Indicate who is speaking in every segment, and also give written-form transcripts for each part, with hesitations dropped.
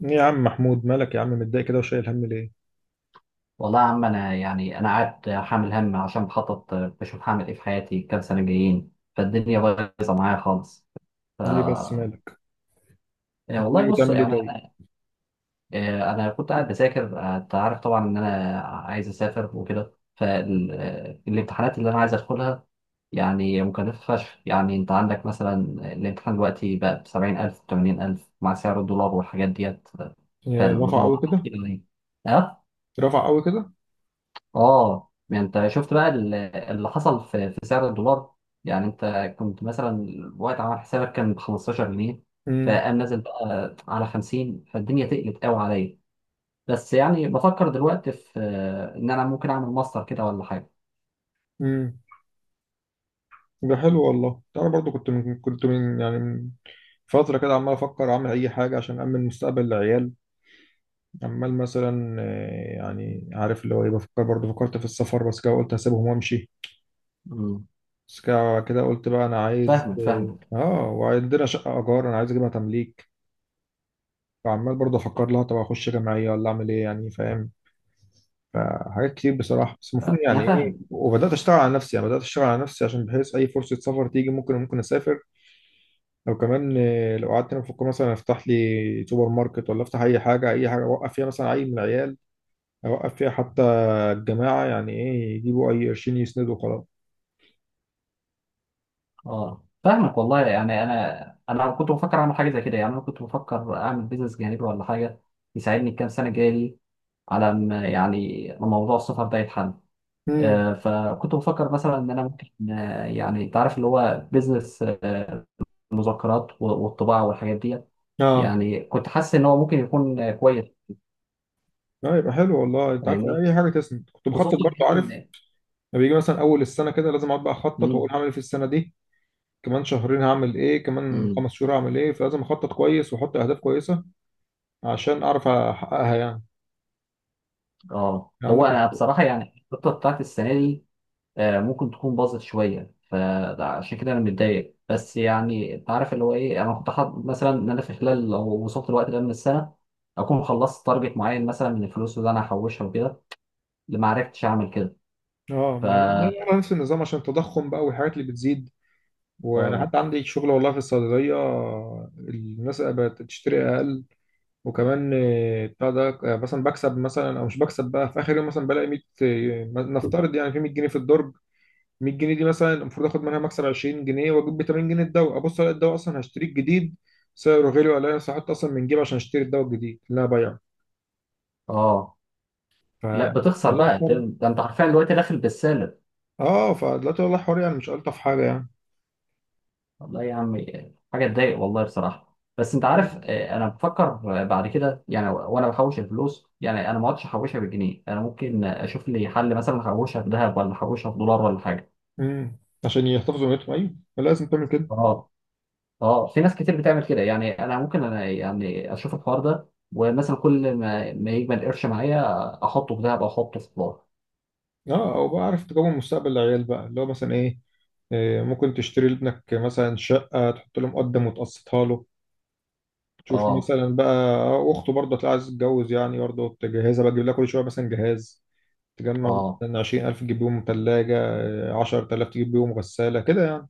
Speaker 1: يا عم محمود، مالك يا عم متضايق كده وشايل هم ليه؟
Speaker 2: والله يا عم، انا يعني انا قاعد حامل هم عشان بخطط بشوف هعمل ايه في حياتي كام سنه جايين. فالدنيا بايظه معايا خالص. ف
Speaker 1: ليه بس مالك؟
Speaker 2: يعني
Speaker 1: انت
Speaker 2: والله
Speaker 1: ناوي
Speaker 2: بص
Speaker 1: تعمل ايه
Speaker 2: يعني
Speaker 1: طيب؟
Speaker 2: أنا كنت قاعد بذاكر. انت عارف طبعا ان انا عايز اسافر وكده، فالامتحانات اللي انا عايز ادخلها يعني مكلفه فشخ. يعني انت عندك مثلا الامتحان دلوقتي بقى ب 70,000 80,000 مع سعر الدولار والحاجات ديت،
Speaker 1: يا رفع قوي
Speaker 2: فالموضوع
Speaker 1: كده؟
Speaker 2: كتير يعني.
Speaker 1: رفع قوي كده؟
Speaker 2: اه يعني انت شفت بقى اللي حصل في سعر الدولار. يعني انت كنت مثلا وقت عمل حسابك كان ب 15 جنيه،
Speaker 1: امم.
Speaker 2: فقام نازل بقى على 50، فالدنيا تقلت قوي عليا. بس يعني بفكر دلوقتي في، ان انا ممكن اعمل ماستر كده ولا حاجه.
Speaker 1: امم ده حلو والله. انا برضو كنت من فترة كده عمال افكر اعمل اي حاجة عشان امن مستقبل العيال. عمال مثلا، يعني عارف اللي هو ايه، بفكر برضو، فكرت في السفر بس كده قلت هسيبهم وامشي.
Speaker 2: امم.
Speaker 1: بس كده كده قلت بقى انا عايز
Speaker 2: فاهمك فاهمك.
Speaker 1: وعندنا شقة ايجار انا عايز اجيبها تمليك. فعمال برضو افكر لها، طب اخش جمعية ولا اعمل ايه يعني، فاهم؟ فحاجات كتير بصراحة، بس المفروض
Speaker 2: انا
Speaker 1: يعني ايه،
Speaker 2: فاهمك.
Speaker 1: وبدأت اشتغل على نفسي. يعني بدأت اشتغل على نفسي عشان بحيث اي فرصة سفر تيجي ممكن اسافر. لو كمان لو قعدت هنا بفكر مثلا افتح لي سوبر ماركت، ولا افتح اي حاجة، اي حاجة اوقف فيها مثلا عيل من العيال. اوقف فيها حتى الجماعة يعني ايه، يجيبوا اي قرشين يسندوا وخلاص.
Speaker 2: اه فاهمك والله. يعني انا كنت بفكر اعمل حاجه زي كده، يعني انا كنت بفكر اعمل بيزنس جانبي ولا حاجه يساعدني الكام سنه الجايه دي، على ما يعني موضوع السفر ده يتحل.
Speaker 1: امم.
Speaker 2: فكنت بفكر مثلا ان انا ممكن، يعني انت عارف اللي هو بيزنس المذكرات والطباعه والحاجات ديت.
Speaker 1: اه،
Speaker 2: يعني كنت حاسس ان هو ممكن يكون كويس.
Speaker 1: اه، يبقى حلو والله. انت عارف،
Speaker 2: فاهمني.
Speaker 1: اي حاجة تسند. كنت بخطط
Speaker 2: خصوصا
Speaker 1: برضو،
Speaker 2: يعني
Speaker 1: عارف،
Speaker 2: ان،
Speaker 1: لما بيجي مثلا اول السنة كده لازم اقعد بقى اخطط واقول
Speaker 2: مم،
Speaker 1: هعمل ايه في السنة دي. كمان شهرين هعمل ايه، كمان
Speaker 2: مم،
Speaker 1: خمس شهور هعمل ايه. فلازم اخطط كويس واحط اهداف كويسة عشان اعرف احققها يعني.
Speaker 2: اه
Speaker 1: يعني
Speaker 2: هو
Speaker 1: عندك.
Speaker 2: انا بصراحه يعني الخطه بتاعت السنه دي ممكن تكون باظت شويه. فعشان كده انا متضايق، بس يعني انت عارف اللي هو ايه، انا كنت حاطط مثلا ان انا في خلال لو وصلت الوقت ده من السنه اكون خلصت تارجت معين مثلا من الفلوس اللي انا هحوشها وكده، اللي ما عرفتش اعمل كده.
Speaker 1: اه، ما أنا نفس النظام عشان التضخم بقى والحاجات اللي بتزيد. وانا
Speaker 2: اه.
Speaker 1: حتى عندي شغل والله في الصيدليه، الناس بقت تشتري اقل. وكمان بتاع ده، مثلا بكسب مثلا او مش بكسب. بقى في اخر يوم مثلا بلاقي 100، نفترض يعني، في 100 جنيه في الدرج. 100 جنيه دي مثلا المفروض اخد منها مكسب 20 جنيه واجيب ب 80 جنيه الدواء. ابص الاقي الدواء اصلا هشتريه الجديد سعره غالي، ولا انا سحبت اصلا من جيبي عشان اشتري الدواء الجديد اللي انا بايعه.
Speaker 2: اه.
Speaker 1: ف
Speaker 2: لا، بتخسر
Speaker 1: والله
Speaker 2: بقى ده،
Speaker 1: حوار.
Speaker 2: ده انت حرفيا دلوقتي داخل بالسالب.
Speaker 1: اه، فدلوقتي والله حوار، يعني مش ألطف حاجة يعني.
Speaker 2: والله يا عمي، حاجه تضايق والله بصراحه. بس انت عارف، انا بفكر، بعد كده يعني وانا بحوش الفلوس، يعني انا ما اقعدش احوشها بالجنيه، انا ممكن اشوف لي حل مثلا احوشها في ذهب ولا احوشها في دولار ولا حاجه.
Speaker 1: امم. عشان يحتفظوا بنيتهم. أيوه لازم تعمل كده.
Speaker 2: اه. اه في ناس كتير بتعمل كده، يعني انا ممكن، انا يعني اشوف الحوار ده ومثلا كل ما يجمل قرش معايا احطه في ذهب او احطه في دولار.
Speaker 1: اه، أو بقى عارف تجمع مستقبل العيال بقى اللي هو مثلا إيه، ممكن تشتري لابنك مثلا شقة، تحط له مقدم وتقسطها له. تشوف
Speaker 2: اه.
Speaker 1: مثلا بقى أخته برضه هتلاقي عايزة تتجوز، يعني برضه تجهزها بقى، تجيب لها كل شوية مثلا جهاز. تجمع
Speaker 2: اه.
Speaker 1: مثلا 20000 تجيب بيهم تلاجة، 10000 تجيب بيهم غسالة كده يعني.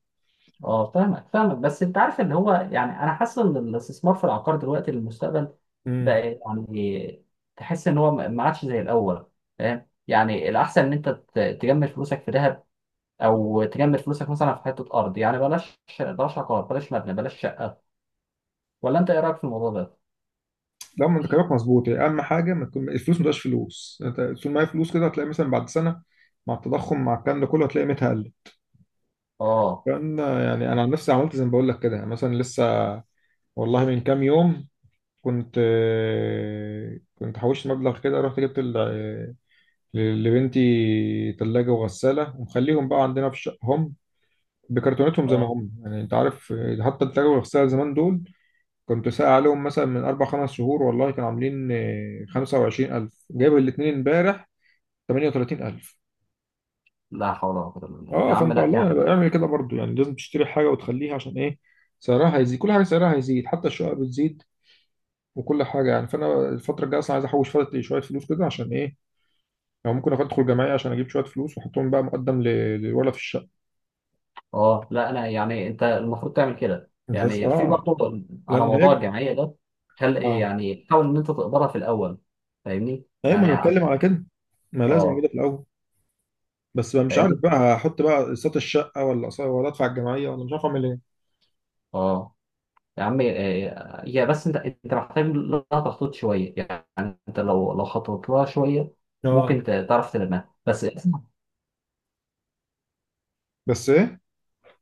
Speaker 2: اه فاهمك فاهمك، بس انت عارف ان هو يعني انا حاسس ان الاستثمار في العقار دلوقتي للمستقبل
Speaker 1: مم.
Speaker 2: بقى يعني، تحس ان هو ما عادش زي الاول. فاهم يعني الاحسن ان انت تجمد فلوسك في ذهب، او تجمد فلوسك مثلا في حته ارض يعني، بلاش بلاش عقار، بلاش مبنى، بلاش شقه. ولا انت ايه رايك في الموضوع ده؟
Speaker 1: لا، ما انت كلامك مظبوط يعني. اهم حاجه ما تكون الفلوس ما تبقاش فلوس. انت طول ما هي فلوس كده هتلاقي مثلا بعد سنه، مع التضخم، مع الكلام ده كله، هتلاقي قيمتها قلت.
Speaker 2: اه.
Speaker 1: لان يعني انا عن نفسي عملت زي ما بقول لك كده. يعني مثلا لسه، والله من كام يوم كنت كنت حوشت مبلغ كده، رحت جبت لبنتي ثلاجه وغساله، ومخليهم بقى عندنا في شقهم بكرتونتهم زي ما
Speaker 2: اه.
Speaker 1: هم يعني انت عارف. حتى الثلاجه والغساله زمان دول كنت سائل عليهم مثلا من أربع خمس شهور، والله كانوا عاملين 25 ألف. جايب الاتنين امبارح 38 ألف.
Speaker 2: لا حول ولا قوه الا بالله يا
Speaker 1: اه،
Speaker 2: عم،
Speaker 1: فأنت
Speaker 2: لا
Speaker 1: والله
Speaker 2: يعني.
Speaker 1: يعني اعمل كده برضو. يعني لازم تشتري حاجة وتخليها عشان إيه، سعرها هيزيد. كل حاجة سعرها هيزيد، حتى الشقق بتزيد. وكل حاجة يعني. فأنا الفترة الجاية أصلا عايز أحوش فترة شوية فلوس كده عشان إيه، أو ممكن أدخل جمعية عشان أجيب شوية فلوس وأحطهم بقى مقدم للولد في الشقة،
Speaker 2: اه لا لا، يعني انت المفروض تعمل كده
Speaker 1: بحيث
Speaker 2: يعني. في
Speaker 1: اه،
Speaker 2: برضه على
Speaker 1: لأن
Speaker 2: موضوع
Speaker 1: هيك.
Speaker 2: الجمعيه ده، خل
Speaker 1: اه.
Speaker 2: يعني حاول ان انت تقدرها في الاول. فاهمني
Speaker 1: أيوة، ما
Speaker 2: يعني
Speaker 1: أنا
Speaker 2: على،
Speaker 1: بتكلم على كده. ما لازم كده
Speaker 2: اه
Speaker 1: في الأول. بس بقى مش عارف
Speaker 2: فاهمني.
Speaker 1: بقى، هحط بقى اقساط الشقه ولا ولا ادفع الجمعيه، ولا مش عارف اعمل ايه.
Speaker 2: اه يا عم، هي بس انت محتاج لها تخطيط شويه. يعني انت لو خططت لها شويه
Speaker 1: اه.
Speaker 2: ممكن تعرف تلمها، بس
Speaker 1: بس ايه.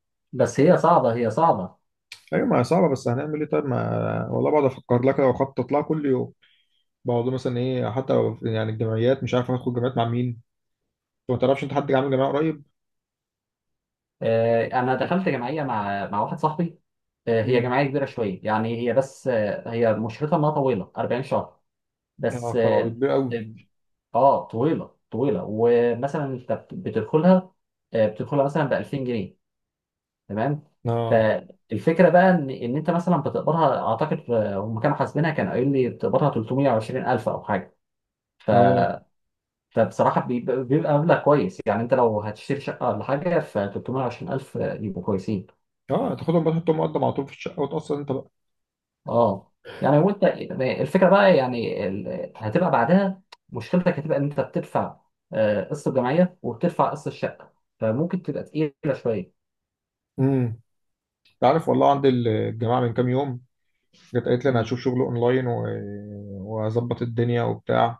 Speaker 2: بس هي صعبه، هي صعبه.
Speaker 1: ايوه، ما هي صعبه، بس هنعمل ايه طيب؟ ما والله بقعد افكر لك واخطط لها كل يوم. بقعد مثلا ايه، حتى يعني الجمعيات، مش عارف هاخد جمعيات مع مين. انت ما تعرفش، انت حد عامل جمعيه قريب؟
Speaker 2: انا دخلت جمعيه مع واحد صاحبي. هي
Speaker 1: مم.
Speaker 2: جمعيه كبيره شويه يعني. هي بس هي مشرتها انها طويله 40 شهر.
Speaker 1: يا
Speaker 2: بس
Speaker 1: خرابي،
Speaker 2: اه.
Speaker 1: كبير قوي.
Speaker 2: طويله طويله. ومثلا انت بتدخلها مثلا ب 2000 جنيه، تمام.
Speaker 1: اه،
Speaker 2: فالفكره بقى ان انت مثلا بتقبضها، اعتقد هم كانوا حاسبينها كان قايل لي بتقبضها 320 الف او حاجه.
Speaker 1: اه،
Speaker 2: فبصراحه بيبقى مبلغ كويس يعني. انت لو هتشتري شقه ولا حاجه، ف 320 الف يبقوا كويسين.
Speaker 1: اه. تاخدهم بقى تحطهم مقدم على طول في الشقه وتاثر انت بقى.
Speaker 2: اه يعني. وانت الفكره بقى يعني، هتبقى بعدها مشكلتك، هتبقى ان انت بتدفع قسط الجمعيه وبتدفع قسط الشقه، فممكن تبقى تقيله شويه.
Speaker 1: امم. انت عارف والله، عندي الجماعه من كام يوم جت قالت لي انا
Speaker 2: مم.
Speaker 1: هشوف شغل اونلاين و واظبط الدنيا وبتاع.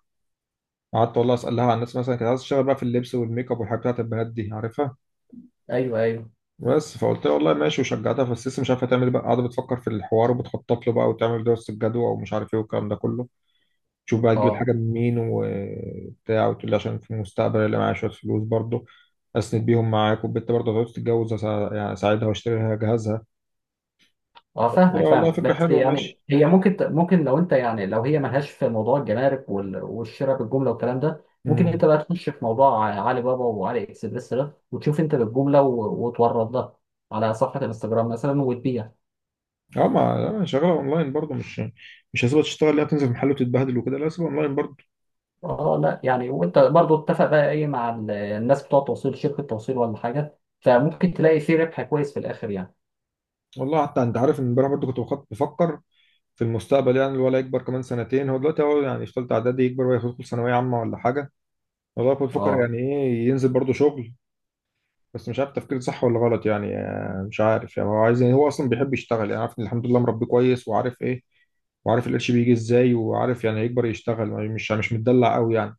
Speaker 1: قعدت والله اسالها عن الناس. مثلا كانت عايزه تشتغل بقى في اللبس والميك اب والحاجات بتاعت البنات دي عارفها.
Speaker 2: ايوه ايوه.
Speaker 1: بس فقلت لها والله ماشي وشجعتها. بس لسه مش عارفه تعمل إيه بقى، قاعده بتفكر في الحوار وبتخطط له بقى وتعمل دراسه الجدوى ومش عارف ايه والكلام ده كله. تشوف بقى تجيب
Speaker 2: اه.
Speaker 1: الحاجه من مين وبتاع، وتقول لي عشان في المستقبل اللي معايا شويه فلوس برضه اسند بيهم معاك. والبنت برضه هتقعد تتجوز يعني اساعدها واشتري لها جهازها.
Speaker 2: اه
Speaker 1: قلت
Speaker 2: فاهمك
Speaker 1: لها والله
Speaker 2: فاهم.
Speaker 1: فكره
Speaker 2: بس
Speaker 1: حلوه
Speaker 2: يعني
Speaker 1: ماشي.
Speaker 2: هي، ممكن لو انت يعني لو هي ملهاش في موضوع الجمارك والشراء بالجمله والكلام ده، ممكن انت
Speaker 1: امم.
Speaker 2: بقى تخش في موضوع علي بابا وعلي اكسبريس ده وتشوف انت بالجمله وتورد ده على صفحه الانستجرام مثلا وتبيع.
Speaker 1: اه، ما أنا شغاله اونلاين برضه مش هسيبها تشتغل لا، تنزل محل وتتبهدل وكده، لا هسيبها اونلاين برضه.
Speaker 2: اه لا يعني، وانت برضو اتفق بقى ايه مع الناس بتوع التوصيل، شركة توصيل ولا حاجة، فممكن تلاقي فيه ربح كويس في الاخر يعني.
Speaker 1: والله حتى انت عارف ان امبارح برضه كنت بفكر في المستقبل. يعني الولد يكبر كمان سنتين، هو دلوقتي هو يعني في ثالثه اعدادي، يكبر ويدخل ثانويه عامه ولا حاجه. والله كنت بفكر
Speaker 2: اه.
Speaker 1: يعني ايه ينزل برضه شغل. بس مش عارف تفكير صح ولا غلط يعني، مش عارف يعني. هو عايز، يعني هو اصلا بيحب يشتغل. يعني عارف إن الحمد لله مربيه كويس وعارف ايه، وعارف القرش بيجي ازاي، وعارف يعني هيكبر يشتغل، مش متدلع قوي يعني.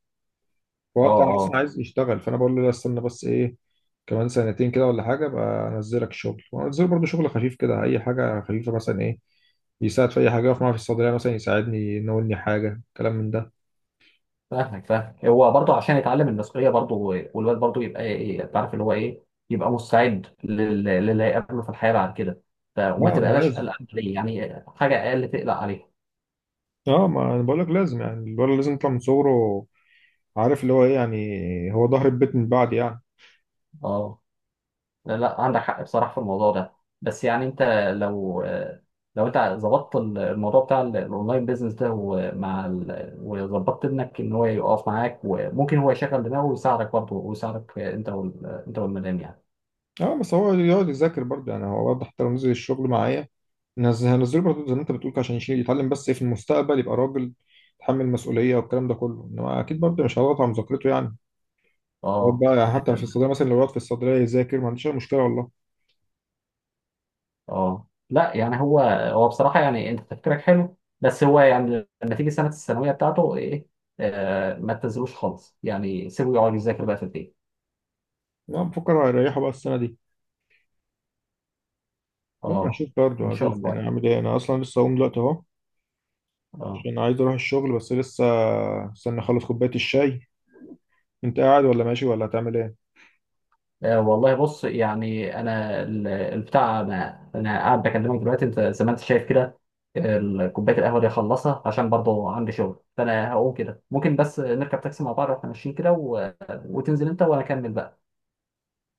Speaker 2: اه.
Speaker 1: هو انت اصلا
Speaker 2: اه
Speaker 1: عايز يشتغل، فانا بقول له لا استنى، بس ايه، كمان سنتين كده ولا حاجه بقى انزلك شغل. وانزله برضه شغل خفيف كده، اي حاجه خفيفه مثلا ايه، يساعد في اي حاجه، يقف معايا في الصيدليه مثلا، يساعدني ينولني حاجه، كلام من ده.
Speaker 2: فاهمك فاهمك. هو برضو عشان يتعلم المسؤولية برضو، والواد برضو يبقى ايه، تعرف اللي هو ايه، يبقى مستعد للي هيقابله في الحياة بعد كده. وما
Speaker 1: لا، ما
Speaker 2: تبقاش
Speaker 1: لازم.
Speaker 2: قلقان عليه يعني، حاجة اقل تقلق عليها.
Speaker 1: اه، ما انا بقول لك لازم. يعني الولد لازم يطلع من صغره عارف اللي هو ايه، يعني هو ظهر البيت من بعد يعني.
Speaker 2: اه لا لا، عندك حق بصراحة في الموضوع ده. بس يعني انت لو، لو انت ظبطت الموضوع بتاع الاونلاين بيزنس ده، ومع وظبطت ابنك ان هو يقف معاك، وممكن هو يشغل دماغه ويساعدك برضه ويساعدك انت انت والمدام يعني.
Speaker 1: اه، بس هو يقعد يذاكر برضه. يعني هو برضه حتى لو نزل الشغل معايا، نزل، هنزله برضه زي ما انت بتقول كده عشان يشيل يتعلم، بس في المستقبل يبقى راجل يتحمل مسؤولية والكلام ده كله. انما اكيد برضه مش هضغط على مذاكرته يعني. يقعد
Speaker 2: اه.
Speaker 1: بقى يعني حتى في الصيدلية مثلا لو يقعد في الصيدلية يذاكر ما عنديش اي مشكلة والله.
Speaker 2: اه لا يعني هو بصراحة يعني انت تفكيرك حلو. بس هو يعني لما تيجي سنة الثانوية بتاعته ايه، آه ما تنزلوش خالص يعني، سيبه يقعد يذاكر بقى في البيت.
Speaker 1: انا بفكر هيريحه بقى السنة دي. المهم
Speaker 2: اه.
Speaker 1: هشوف
Speaker 2: ان
Speaker 1: برضه،
Speaker 2: شاء
Speaker 1: هشوف يعني
Speaker 2: الله.
Speaker 1: هعمل ايه. انا اصلا لسه هقوم دلوقتي اهو
Speaker 2: اه.
Speaker 1: عشان عايز اروح الشغل. بس لسه استنى اخلص كوباية الشاي. انت قاعد ولا ماشي ولا هتعمل ايه؟
Speaker 2: والله بص يعني انا البتاع، انا انا قاعد بكلمك دلوقتي انت زي ما انت شايف كده. كوبايه القهوه دي اخلصها عشان برضه عندي شغل، فانا هقوم كده. ممكن بس نركب تاكسي مع بعض واحنا ماشيين كده و... وتنزل انت وانا اكمل بقى.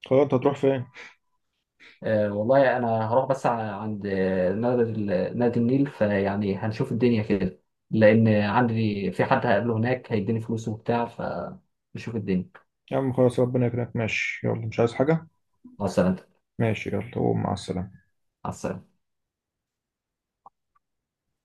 Speaker 1: خلاص، انت هتروح فين؟
Speaker 2: والله انا هروح بس عند نادي نادي النيل، فيعني هنشوف الدنيا كده، لان عندي في حد هقابله هناك هيديني فلوس وبتاع، فنشوف الدنيا.
Speaker 1: يا عم خلاص ربنا يكرمك، ماشي يلا، مش عايز حاجة.
Speaker 2: مع السلامه.
Speaker 1: ماشي يلا قوم، مع السلامة.
Speaker 2: مع السلامه.